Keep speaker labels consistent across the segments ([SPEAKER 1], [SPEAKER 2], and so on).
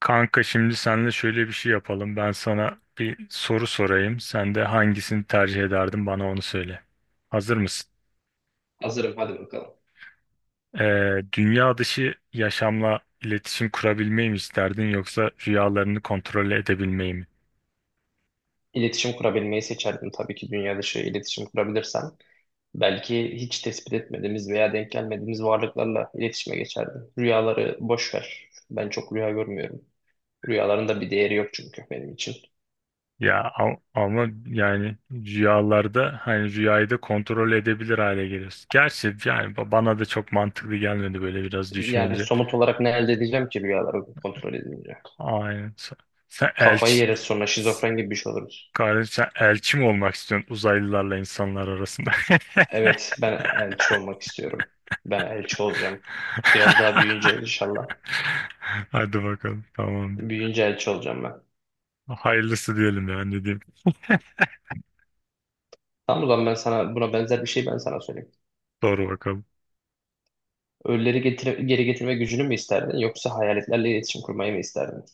[SPEAKER 1] Kanka şimdi seninle şöyle bir şey yapalım. Ben sana bir soru sorayım. Sen de hangisini tercih ederdin bana onu söyle. Hazır mısın?
[SPEAKER 2] Hazırım, hadi bakalım.
[SPEAKER 1] Dünya dışı yaşamla iletişim kurabilmeyi mi isterdin yoksa rüyalarını kontrol edebilmeyi mi?
[SPEAKER 2] İletişim kurabilmeyi seçerdim tabii ki, dünya dışı iletişim kurabilirsem. Belki hiç tespit etmediğimiz veya denk gelmediğimiz varlıklarla iletişime geçerdim. Rüyaları boş ver. Ben çok rüya görmüyorum. Rüyaların da bir değeri yok çünkü benim için.
[SPEAKER 1] Ama yani rüyalarda hani rüyayı da kontrol edebilir hale geliyorsun. Gerçi yani bana da çok mantıklı gelmedi böyle biraz
[SPEAKER 2] Yani
[SPEAKER 1] düşününce.
[SPEAKER 2] somut olarak ne elde edeceğim ki rüyaları kontrol edince?
[SPEAKER 1] Aynen. Sen
[SPEAKER 2] Kafayı
[SPEAKER 1] elçi
[SPEAKER 2] yeriz sonra,
[SPEAKER 1] s-
[SPEAKER 2] şizofren gibi bir şey oluruz.
[SPEAKER 1] Kardeşim sen elçi mi olmak istiyorsun uzaylılarla insanlar arasında?
[SPEAKER 2] Evet, ben elçi olmak istiyorum. Ben elçi olacağım. Biraz daha büyüyünce inşallah.
[SPEAKER 1] Hadi bakalım. Tamam.
[SPEAKER 2] Büyüyünce elçi olacağım ben.
[SPEAKER 1] Hayırlısı diyelim ya, ne diyeyim.
[SPEAKER 2] Tamam, o zaman ben sana buna benzer bir şey ben sana söyleyeyim.
[SPEAKER 1] Doğru bakalım.
[SPEAKER 2] Ölüleri geri getirme gücünü mü isterdin yoksa hayaletlerle iletişim kurmayı mı isterdin?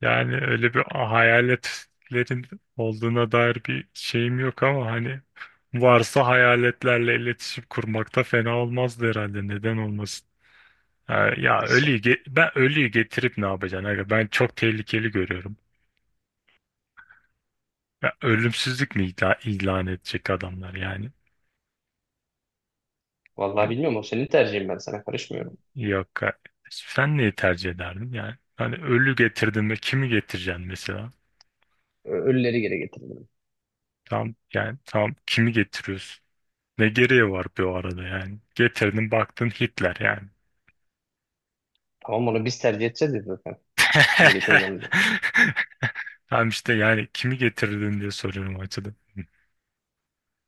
[SPEAKER 1] Yani öyle bir hayaletlerin olduğuna dair bir şeyim yok, ama hani varsa hayaletlerle iletişim kurmakta fena olmazdı herhalde. Neden olmasın?
[SPEAKER 2] Nasıl?
[SPEAKER 1] Ben ölüyü getirip ne yapacaksın? Aga? Ben çok tehlikeli görüyorum. Ya ölümsüzlük mi ilan edecek adamlar yani?
[SPEAKER 2] Vallahi bilmiyorum, o senin tercihin, ben sana karışmıyorum.
[SPEAKER 1] Yok. Ha. Sen neyi tercih ederdin yani? Hani ölü getirdin ve kimi getireceksin mesela?
[SPEAKER 2] Ölüleri geri getirdim.
[SPEAKER 1] Tam yani tam kimi getiriyorsun? Ne gereği var bir o arada yani? Getirdin baktın Hitler yani.
[SPEAKER 2] Tamam, onu biz tercih edeceğiz ya zaten. Kimi getireceğim diye.
[SPEAKER 1] Tam işte, yani kimi getirdin diye soruyorum o açıdan.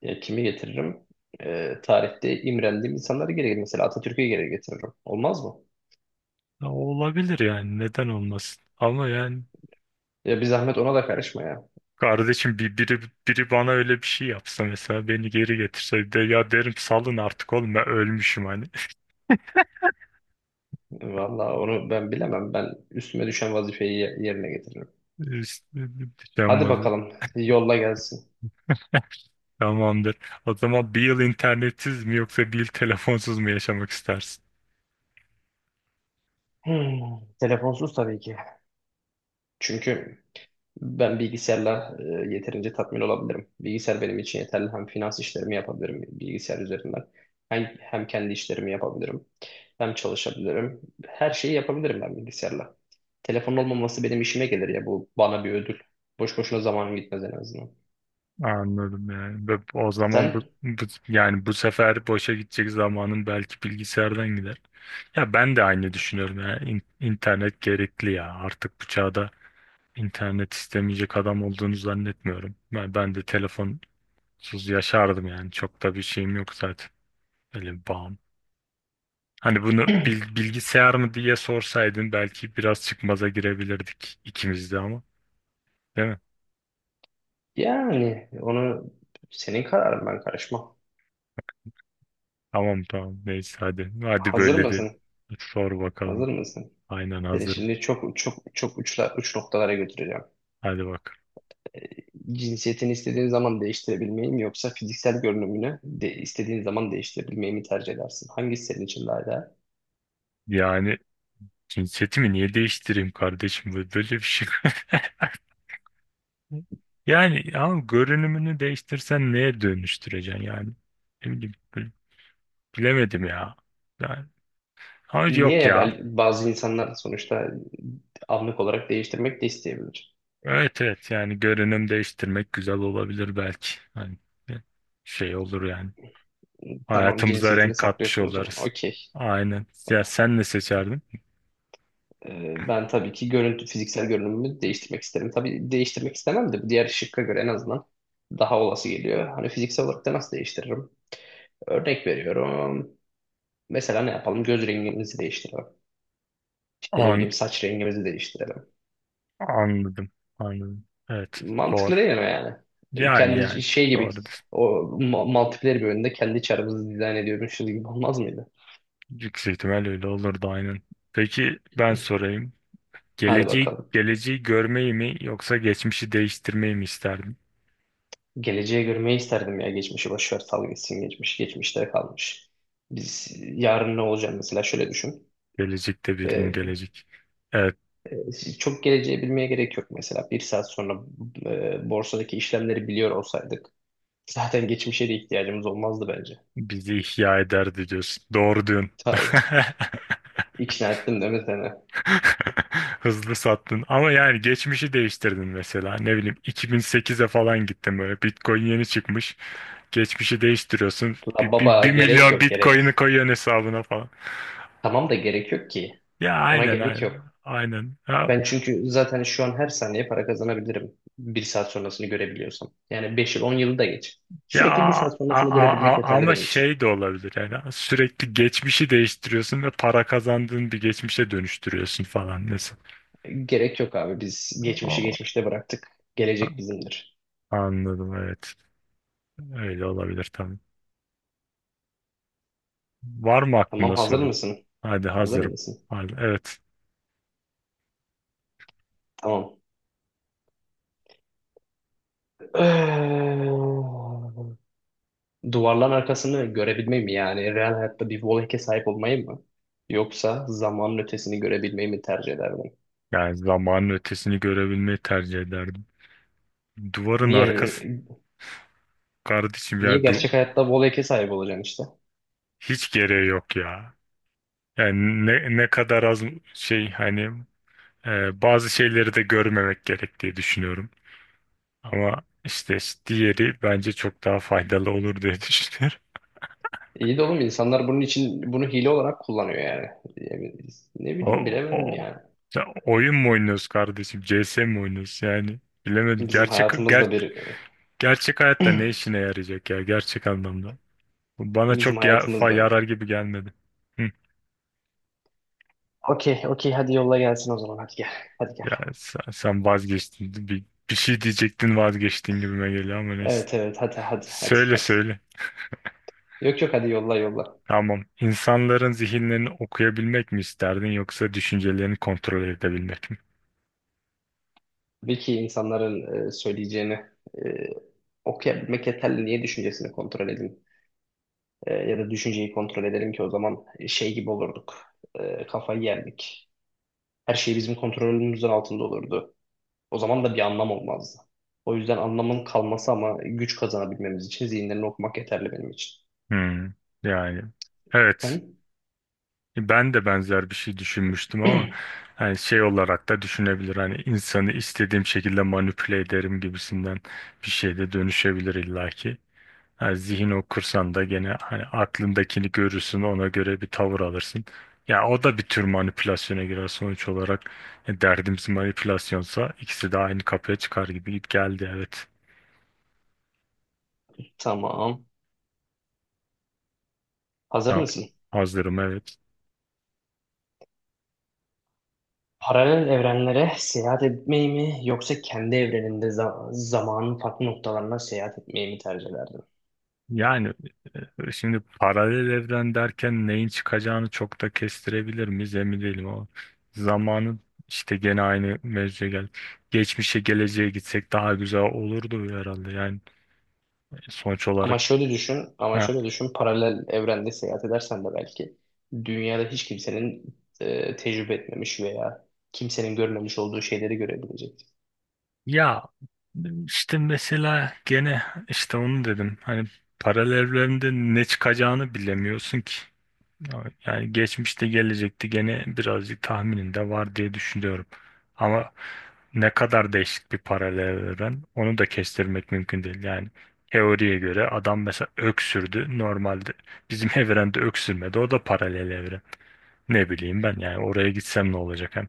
[SPEAKER 2] Ya kimi getiririm? Tarihte imrendiğim insanları geri getiririm. Mesela Atatürk'ü geri getiririm. Olmaz mı?
[SPEAKER 1] Ya olabilir yani, neden olmasın? Ama yani
[SPEAKER 2] Ya bir zahmet ona da karışma ya.
[SPEAKER 1] Kardeşim bir, biri, biri bana öyle bir şey yapsa, mesela beni geri getirse, de ya derim salın artık oğlum, ben ölmüşüm hani.
[SPEAKER 2] Vallahi onu ben bilemem. Ben üstüme düşen vazifeyi yerine getiririm.
[SPEAKER 1] İşte.
[SPEAKER 2] Hadi
[SPEAKER 1] Yaşanmadı.
[SPEAKER 2] bakalım, yolla gelsin.
[SPEAKER 1] Tamamdır. O zaman bir yıl internetsiz mi yoksa bir yıl telefonsuz mu yaşamak istersin?
[SPEAKER 2] Hmm, Telefonsuz tabii ki. Çünkü ben bilgisayarla yeterince tatmin olabilirim. Bilgisayar benim için yeterli. Hem finans işlerimi yapabilirim bilgisayar üzerinden. Hem kendi işlerimi yapabilirim. Hem çalışabilirim. Her şeyi yapabilirim ben bilgisayarla. Telefonun olmaması benim işime gelir ya. Bu bana bir ödül. Boş boşuna zamanım gitmez en azından.
[SPEAKER 1] Anladım yani. Ve o zaman
[SPEAKER 2] Sen
[SPEAKER 1] yani bu sefer boşa gidecek zamanın belki bilgisayardan gider. Ya ben de aynı düşünüyorum ya. İnternet gerekli ya. Artık bu çağda internet istemeyecek adam olduğunu zannetmiyorum. Ben de telefon Suz yaşardım yani. Çok da bir şeyim yok zaten. Öyle bir bağım. Hani bunu bilgisayar mı diye sorsaydın belki biraz çıkmaza girebilirdik ikimiz de, ama. Değil mi?
[SPEAKER 2] yani onu, senin kararın, ben karışmam.
[SPEAKER 1] Tamam. Neyse hadi. Hadi
[SPEAKER 2] Hazır
[SPEAKER 1] böyle de
[SPEAKER 2] mısın?
[SPEAKER 1] sor bakalım.
[SPEAKER 2] Hazır mısın?
[SPEAKER 1] Aynen,
[SPEAKER 2] Seni
[SPEAKER 1] hazırım.
[SPEAKER 2] şimdi çok çok çok uç noktalara götüreceğim.
[SPEAKER 1] Hadi bak.
[SPEAKER 2] Cinsiyetini istediğin zaman değiştirebilmeyi mi yoksa fiziksel görünümünü de istediğin zaman değiştirebilmeyi mi tercih edersin? Hangisi senin için daha değerli?
[SPEAKER 1] Yani cinsiyetimi niye değiştireyim kardeşim? Böyle bir şey. Yani ama görünümünü değiştirsen neye dönüştüreceksin yani? Ne bileyim, böyle bilemedim ya. Yani, ama
[SPEAKER 2] Niye
[SPEAKER 1] yok
[SPEAKER 2] ya,
[SPEAKER 1] ya.
[SPEAKER 2] bazı insanlar sonuçta anlık olarak değiştirmek de isteyebilir.
[SPEAKER 1] Evet, yani görünüm değiştirmek güzel olabilir belki. Hani şey olur yani.
[SPEAKER 2] Tamam,
[SPEAKER 1] Hayatımıza
[SPEAKER 2] cinsiyetini
[SPEAKER 1] renk katmış
[SPEAKER 2] saklıyorsun o zaman.
[SPEAKER 1] oluruz.
[SPEAKER 2] Okey.
[SPEAKER 1] Aynen. Ya sen ne seçerdin?
[SPEAKER 2] Ben tabii ki fiziksel görünümümü değiştirmek isterim. Tabii değiştirmek istemem de bu, diğer şıkka göre en azından daha olası geliyor. Hani fiziksel olarak da nasıl değiştiririm? Örnek veriyorum. Mesela ne yapalım? Göz rengimizi değiştirelim. İşte ne
[SPEAKER 1] An
[SPEAKER 2] bileyim, saç rengimizi değiştirelim.
[SPEAKER 1] anladım. Anladım. Evet, doğru.
[SPEAKER 2] Mantıklı değil mi yani?
[SPEAKER 1] Yani
[SPEAKER 2] Kendi
[SPEAKER 1] yani
[SPEAKER 2] şey gibi,
[SPEAKER 1] doğrudur.
[SPEAKER 2] o multiplayer bir oyunda kendi çarımızı dizayn ediyormuşuz gibi olmaz mıydı?
[SPEAKER 1] Yüksek ihtimal öyle olurdu, aynen. Peki ben sorayım.
[SPEAKER 2] Hadi
[SPEAKER 1] Geleceği,
[SPEAKER 2] bakalım.
[SPEAKER 1] geleceği görmeyi mi yoksa geçmişi değiştirmeyi mi isterdin?
[SPEAKER 2] Geleceğe görmeyi isterdim ya. Geçmişi boş ver, sal gitsin geçmiş. Geçmişte kalmış. Biz yarın ne olacak mesela, şöyle düşün.
[SPEAKER 1] Gelecekte bir gün
[SPEAKER 2] Ee,
[SPEAKER 1] gelecek. Evet,
[SPEAKER 2] Çok geleceği bilmeye gerek yok mesela. Bir saat sonra borsadaki işlemleri biliyor olsaydık zaten geçmişe de ihtiyacımız olmazdı bence.
[SPEAKER 1] bizi ihya ederdi diyorsun. Doğru diyorsun.
[SPEAKER 2] Tabii. İkna ettim değil mi seni?
[SPEAKER 1] Hızlı sattın. Ama yani geçmişi değiştirdin mesela. Ne bileyim 2008'e falan gittin böyle. Bitcoin yeni çıkmış. Geçmişi değiştiriyorsun.
[SPEAKER 2] La
[SPEAKER 1] Bir, bir,
[SPEAKER 2] baba,
[SPEAKER 1] bir
[SPEAKER 2] gerek
[SPEAKER 1] milyon
[SPEAKER 2] yok gerek.
[SPEAKER 1] Bitcoin'i koyuyorsun hesabına falan.
[SPEAKER 2] Tamam da gerek yok ki.
[SPEAKER 1] Ya
[SPEAKER 2] Ona
[SPEAKER 1] aynen
[SPEAKER 2] gerek
[SPEAKER 1] aynen.
[SPEAKER 2] yok.
[SPEAKER 1] Aynen. Ha,
[SPEAKER 2] Ben çünkü zaten şu an her saniye para kazanabilirim. Bir saat sonrasını görebiliyorsam. Yani 5 yıl 10 yılı da geç.
[SPEAKER 1] Ya
[SPEAKER 2] Sürekli bir
[SPEAKER 1] a-
[SPEAKER 2] saat sonrasını
[SPEAKER 1] a-
[SPEAKER 2] görebilmek
[SPEAKER 1] a-
[SPEAKER 2] yeterli
[SPEAKER 1] Ama
[SPEAKER 2] benim için.
[SPEAKER 1] şey de olabilir yani, sürekli geçmişi değiştiriyorsun ve para kazandığın bir geçmişe dönüştürüyorsun falan mesela.
[SPEAKER 2] Gerek yok abi. Biz geçmişi
[SPEAKER 1] O-
[SPEAKER 2] geçmişte bıraktık. Gelecek bizimdir.
[SPEAKER 1] Anladım, evet, öyle olabilir tabii. Var mı
[SPEAKER 2] Tamam,
[SPEAKER 1] aklında
[SPEAKER 2] hazır
[SPEAKER 1] sorun?
[SPEAKER 2] mısın?
[SPEAKER 1] Hadi,
[SPEAKER 2] Hazır
[SPEAKER 1] hazırım.
[SPEAKER 2] mısın?
[SPEAKER 1] Hadi, evet,
[SPEAKER 2] Tamam. Duvarların arkasını görebilmeyi mi yani? Real hayatta bir Wallhack'e sahip olmayı mı? Yoksa zamanın ötesini görebilmeyi mi tercih ederdin?
[SPEAKER 1] yani zamanın ötesini görebilmeyi tercih ederdim. Duvarın arkası
[SPEAKER 2] Niye
[SPEAKER 1] kardeşim
[SPEAKER 2] niye
[SPEAKER 1] ya du
[SPEAKER 2] gerçek hayatta Wallhack'e sahip olacaksın işte?
[SPEAKER 1] Hiç gereği yok ya. Yani ne kadar az şey, hani bazı şeyleri de görmemek gerek diye düşünüyorum. Ama işte diğeri bence çok daha faydalı olur diye düşünüyorum.
[SPEAKER 2] İyi de oğlum, insanlar bunun için bunu hile olarak kullanıyor yani. Yani ne bileyim,
[SPEAKER 1] O,
[SPEAKER 2] bilemedim
[SPEAKER 1] o,
[SPEAKER 2] yani.
[SPEAKER 1] Ya oyun mu oynuyoruz kardeşim? CS mi oynuyoruz? Yani bilemedim.
[SPEAKER 2] Bizim hayatımızda bir
[SPEAKER 1] Gerçek hayatta ne işine yarayacak ya, gerçek anlamda? Bu bana
[SPEAKER 2] Bizim
[SPEAKER 1] çok ya,
[SPEAKER 2] hayatımızda.
[SPEAKER 1] yarar gibi gelmedi. Hı.
[SPEAKER 2] Okey, okey, hadi yolla gelsin o zaman, hadi gel. Hadi
[SPEAKER 1] Ya
[SPEAKER 2] gel.
[SPEAKER 1] sen, sen vazgeçtin. Bir şey diyecektin, vazgeçtin gibime geliyor ama neyse.
[SPEAKER 2] Evet, evet, hadi hadi hadi
[SPEAKER 1] Söyle
[SPEAKER 2] hadi.
[SPEAKER 1] söyle.
[SPEAKER 2] Yok, yok, hadi yolla yolla.
[SPEAKER 1] Tamam. İnsanların zihinlerini okuyabilmek mi isterdin yoksa düşüncelerini kontrol edebilmek mi?
[SPEAKER 2] Tabii insanların söyleyeceğini e, okuyabilmek yeterli. Niye düşüncesini kontrol edin? Ya da düşünceyi kontrol edelim ki, o zaman şey gibi olurduk. Kafayı yerdik. Her şey bizim kontrolümüzün altında olurdu. O zaman da bir anlam olmazdı. O yüzden anlamın kalması ama güç kazanabilmemiz için zihinlerini okumak yeterli benim için.
[SPEAKER 1] Hmm, yani evet,
[SPEAKER 2] Sen?
[SPEAKER 1] ben de benzer bir şey düşünmüştüm ama hani şey olarak da düşünebilir, hani insanı istediğim şekilde manipüle ederim gibisinden bir şey de dönüşebilir illaki. Yani zihin okursan da gene hani aklındakini görürsün, ona göre bir tavır alırsın. Ya o da bir tür manipülasyona girer sonuç olarak. Derdimiz manipülasyonsa ikisi de aynı kapıya çıkar gibi geldi, evet.
[SPEAKER 2] Tamam. Hazır
[SPEAKER 1] Ya,
[SPEAKER 2] mısın?
[SPEAKER 1] hazırım, evet.
[SPEAKER 2] Paralel evrenlere seyahat etmeyi mi yoksa kendi evreninde zamanın farklı noktalarına seyahat etmeyi mi tercih ederdin?
[SPEAKER 1] Yani şimdi paralel evren derken neyin çıkacağını çok da kestirebilir miyiz emin değilim ama zamanın işte gene aynı mevzuya gel. Geçmişe geleceğe gitsek daha güzel olurdu herhalde, yani sonuç
[SPEAKER 2] Ama
[SPEAKER 1] olarak.
[SPEAKER 2] şöyle düşün, ama
[SPEAKER 1] Ha.
[SPEAKER 2] şöyle düşün, paralel evrende seyahat edersen de belki dünyada hiç kimsenin tecrübe etmemiş veya kimsenin görmemiş olduğu şeyleri görebilecek.
[SPEAKER 1] Ya işte mesela gene işte onu dedim hani paralel evrende ne çıkacağını bilemiyorsun ki. Evet, yani geçmişte gelecekte gene birazcık tahmininde var diye düşünüyorum. Ama ne kadar değişik bir paralel evren, onu da kestirmek mümkün değil. Yani teoriye göre adam mesela öksürdü. Normalde bizim evrende öksürmedi. O da paralel evren. Ne bileyim ben, yani oraya gitsem ne olacak hem.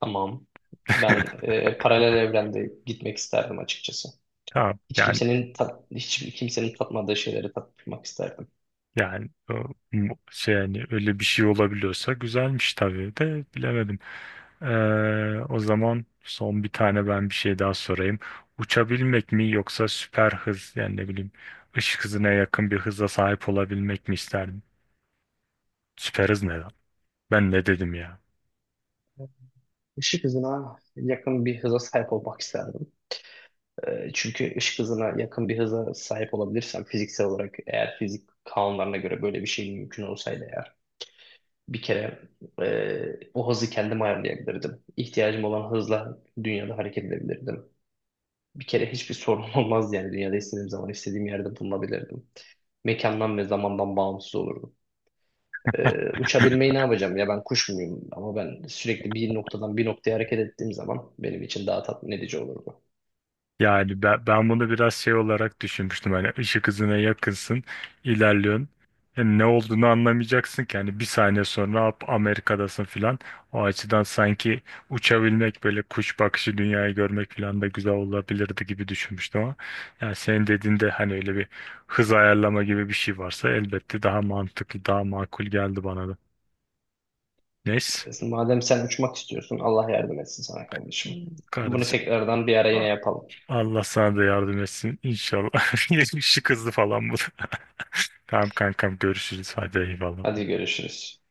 [SPEAKER 2] Tamam. Ben, paralel evrende gitmek isterdim açıkçası.
[SPEAKER 1] Tamam yani,
[SPEAKER 2] Hiç kimsenin tatmadığı şeyleri tatmak isterdim.
[SPEAKER 1] yani o, şey yani öyle bir şey olabiliyorsa güzelmiş tabii de bilemedim. O zaman son bir tane ben bir şey daha sorayım. Uçabilmek mi yoksa süper hız yani ne bileyim ışık hızına yakın bir hıza sahip olabilmek mi isterdin? Süper hız ne lan? Ben ne dedim ya?
[SPEAKER 2] Işık hızına yakın bir hıza sahip olmak isterdim. Çünkü ışık hızına yakın bir hıza sahip olabilirsem, fiziksel olarak, eğer fizik kanunlarına göre böyle bir şey mümkün olsaydı, eğer bir kere o hızı kendim ayarlayabilirdim. İhtiyacım olan hızla dünyada hareket edebilirdim. Bir kere hiçbir sorun olmazdı, yani dünyada istediğim zaman istediğim yerde bulunabilirdim. Mekandan ve zamandan bağımsız olurdu. Uçabilmeyi ne yapacağım ya, ben kuş muyum? Ama ben sürekli bir noktadan bir noktaya hareket ettiğim zaman benim için daha tatmin edici olurdu.
[SPEAKER 1] Yani ben bunu biraz şey olarak düşünmüştüm. Hani ışık hızına yakınsın, ilerliyorsun. Yani ne olduğunu anlamayacaksın ki. Hani bir saniye sonra hop Amerika'dasın filan. O açıdan sanki uçabilmek böyle kuş bakışı dünyayı görmek filan da güzel olabilirdi gibi düşünmüştüm ama. Yani senin dediğinde hani öyle bir hız ayarlama gibi bir şey varsa elbette daha mantıklı, daha makul geldi bana da. Neyse
[SPEAKER 2] Madem sen uçmak istiyorsun, Allah yardım etsin sana kardeşim. Bunu
[SPEAKER 1] kardeşim.
[SPEAKER 2] tekrardan bir ara yine
[SPEAKER 1] A-
[SPEAKER 2] yapalım.
[SPEAKER 1] Allah sana da yardım etsin inşallah. Işık hızlı falan bu. Da. Tamam kankam, görüşürüz. Hadi
[SPEAKER 2] Hadi
[SPEAKER 1] eyvallah.
[SPEAKER 2] görüşürüz.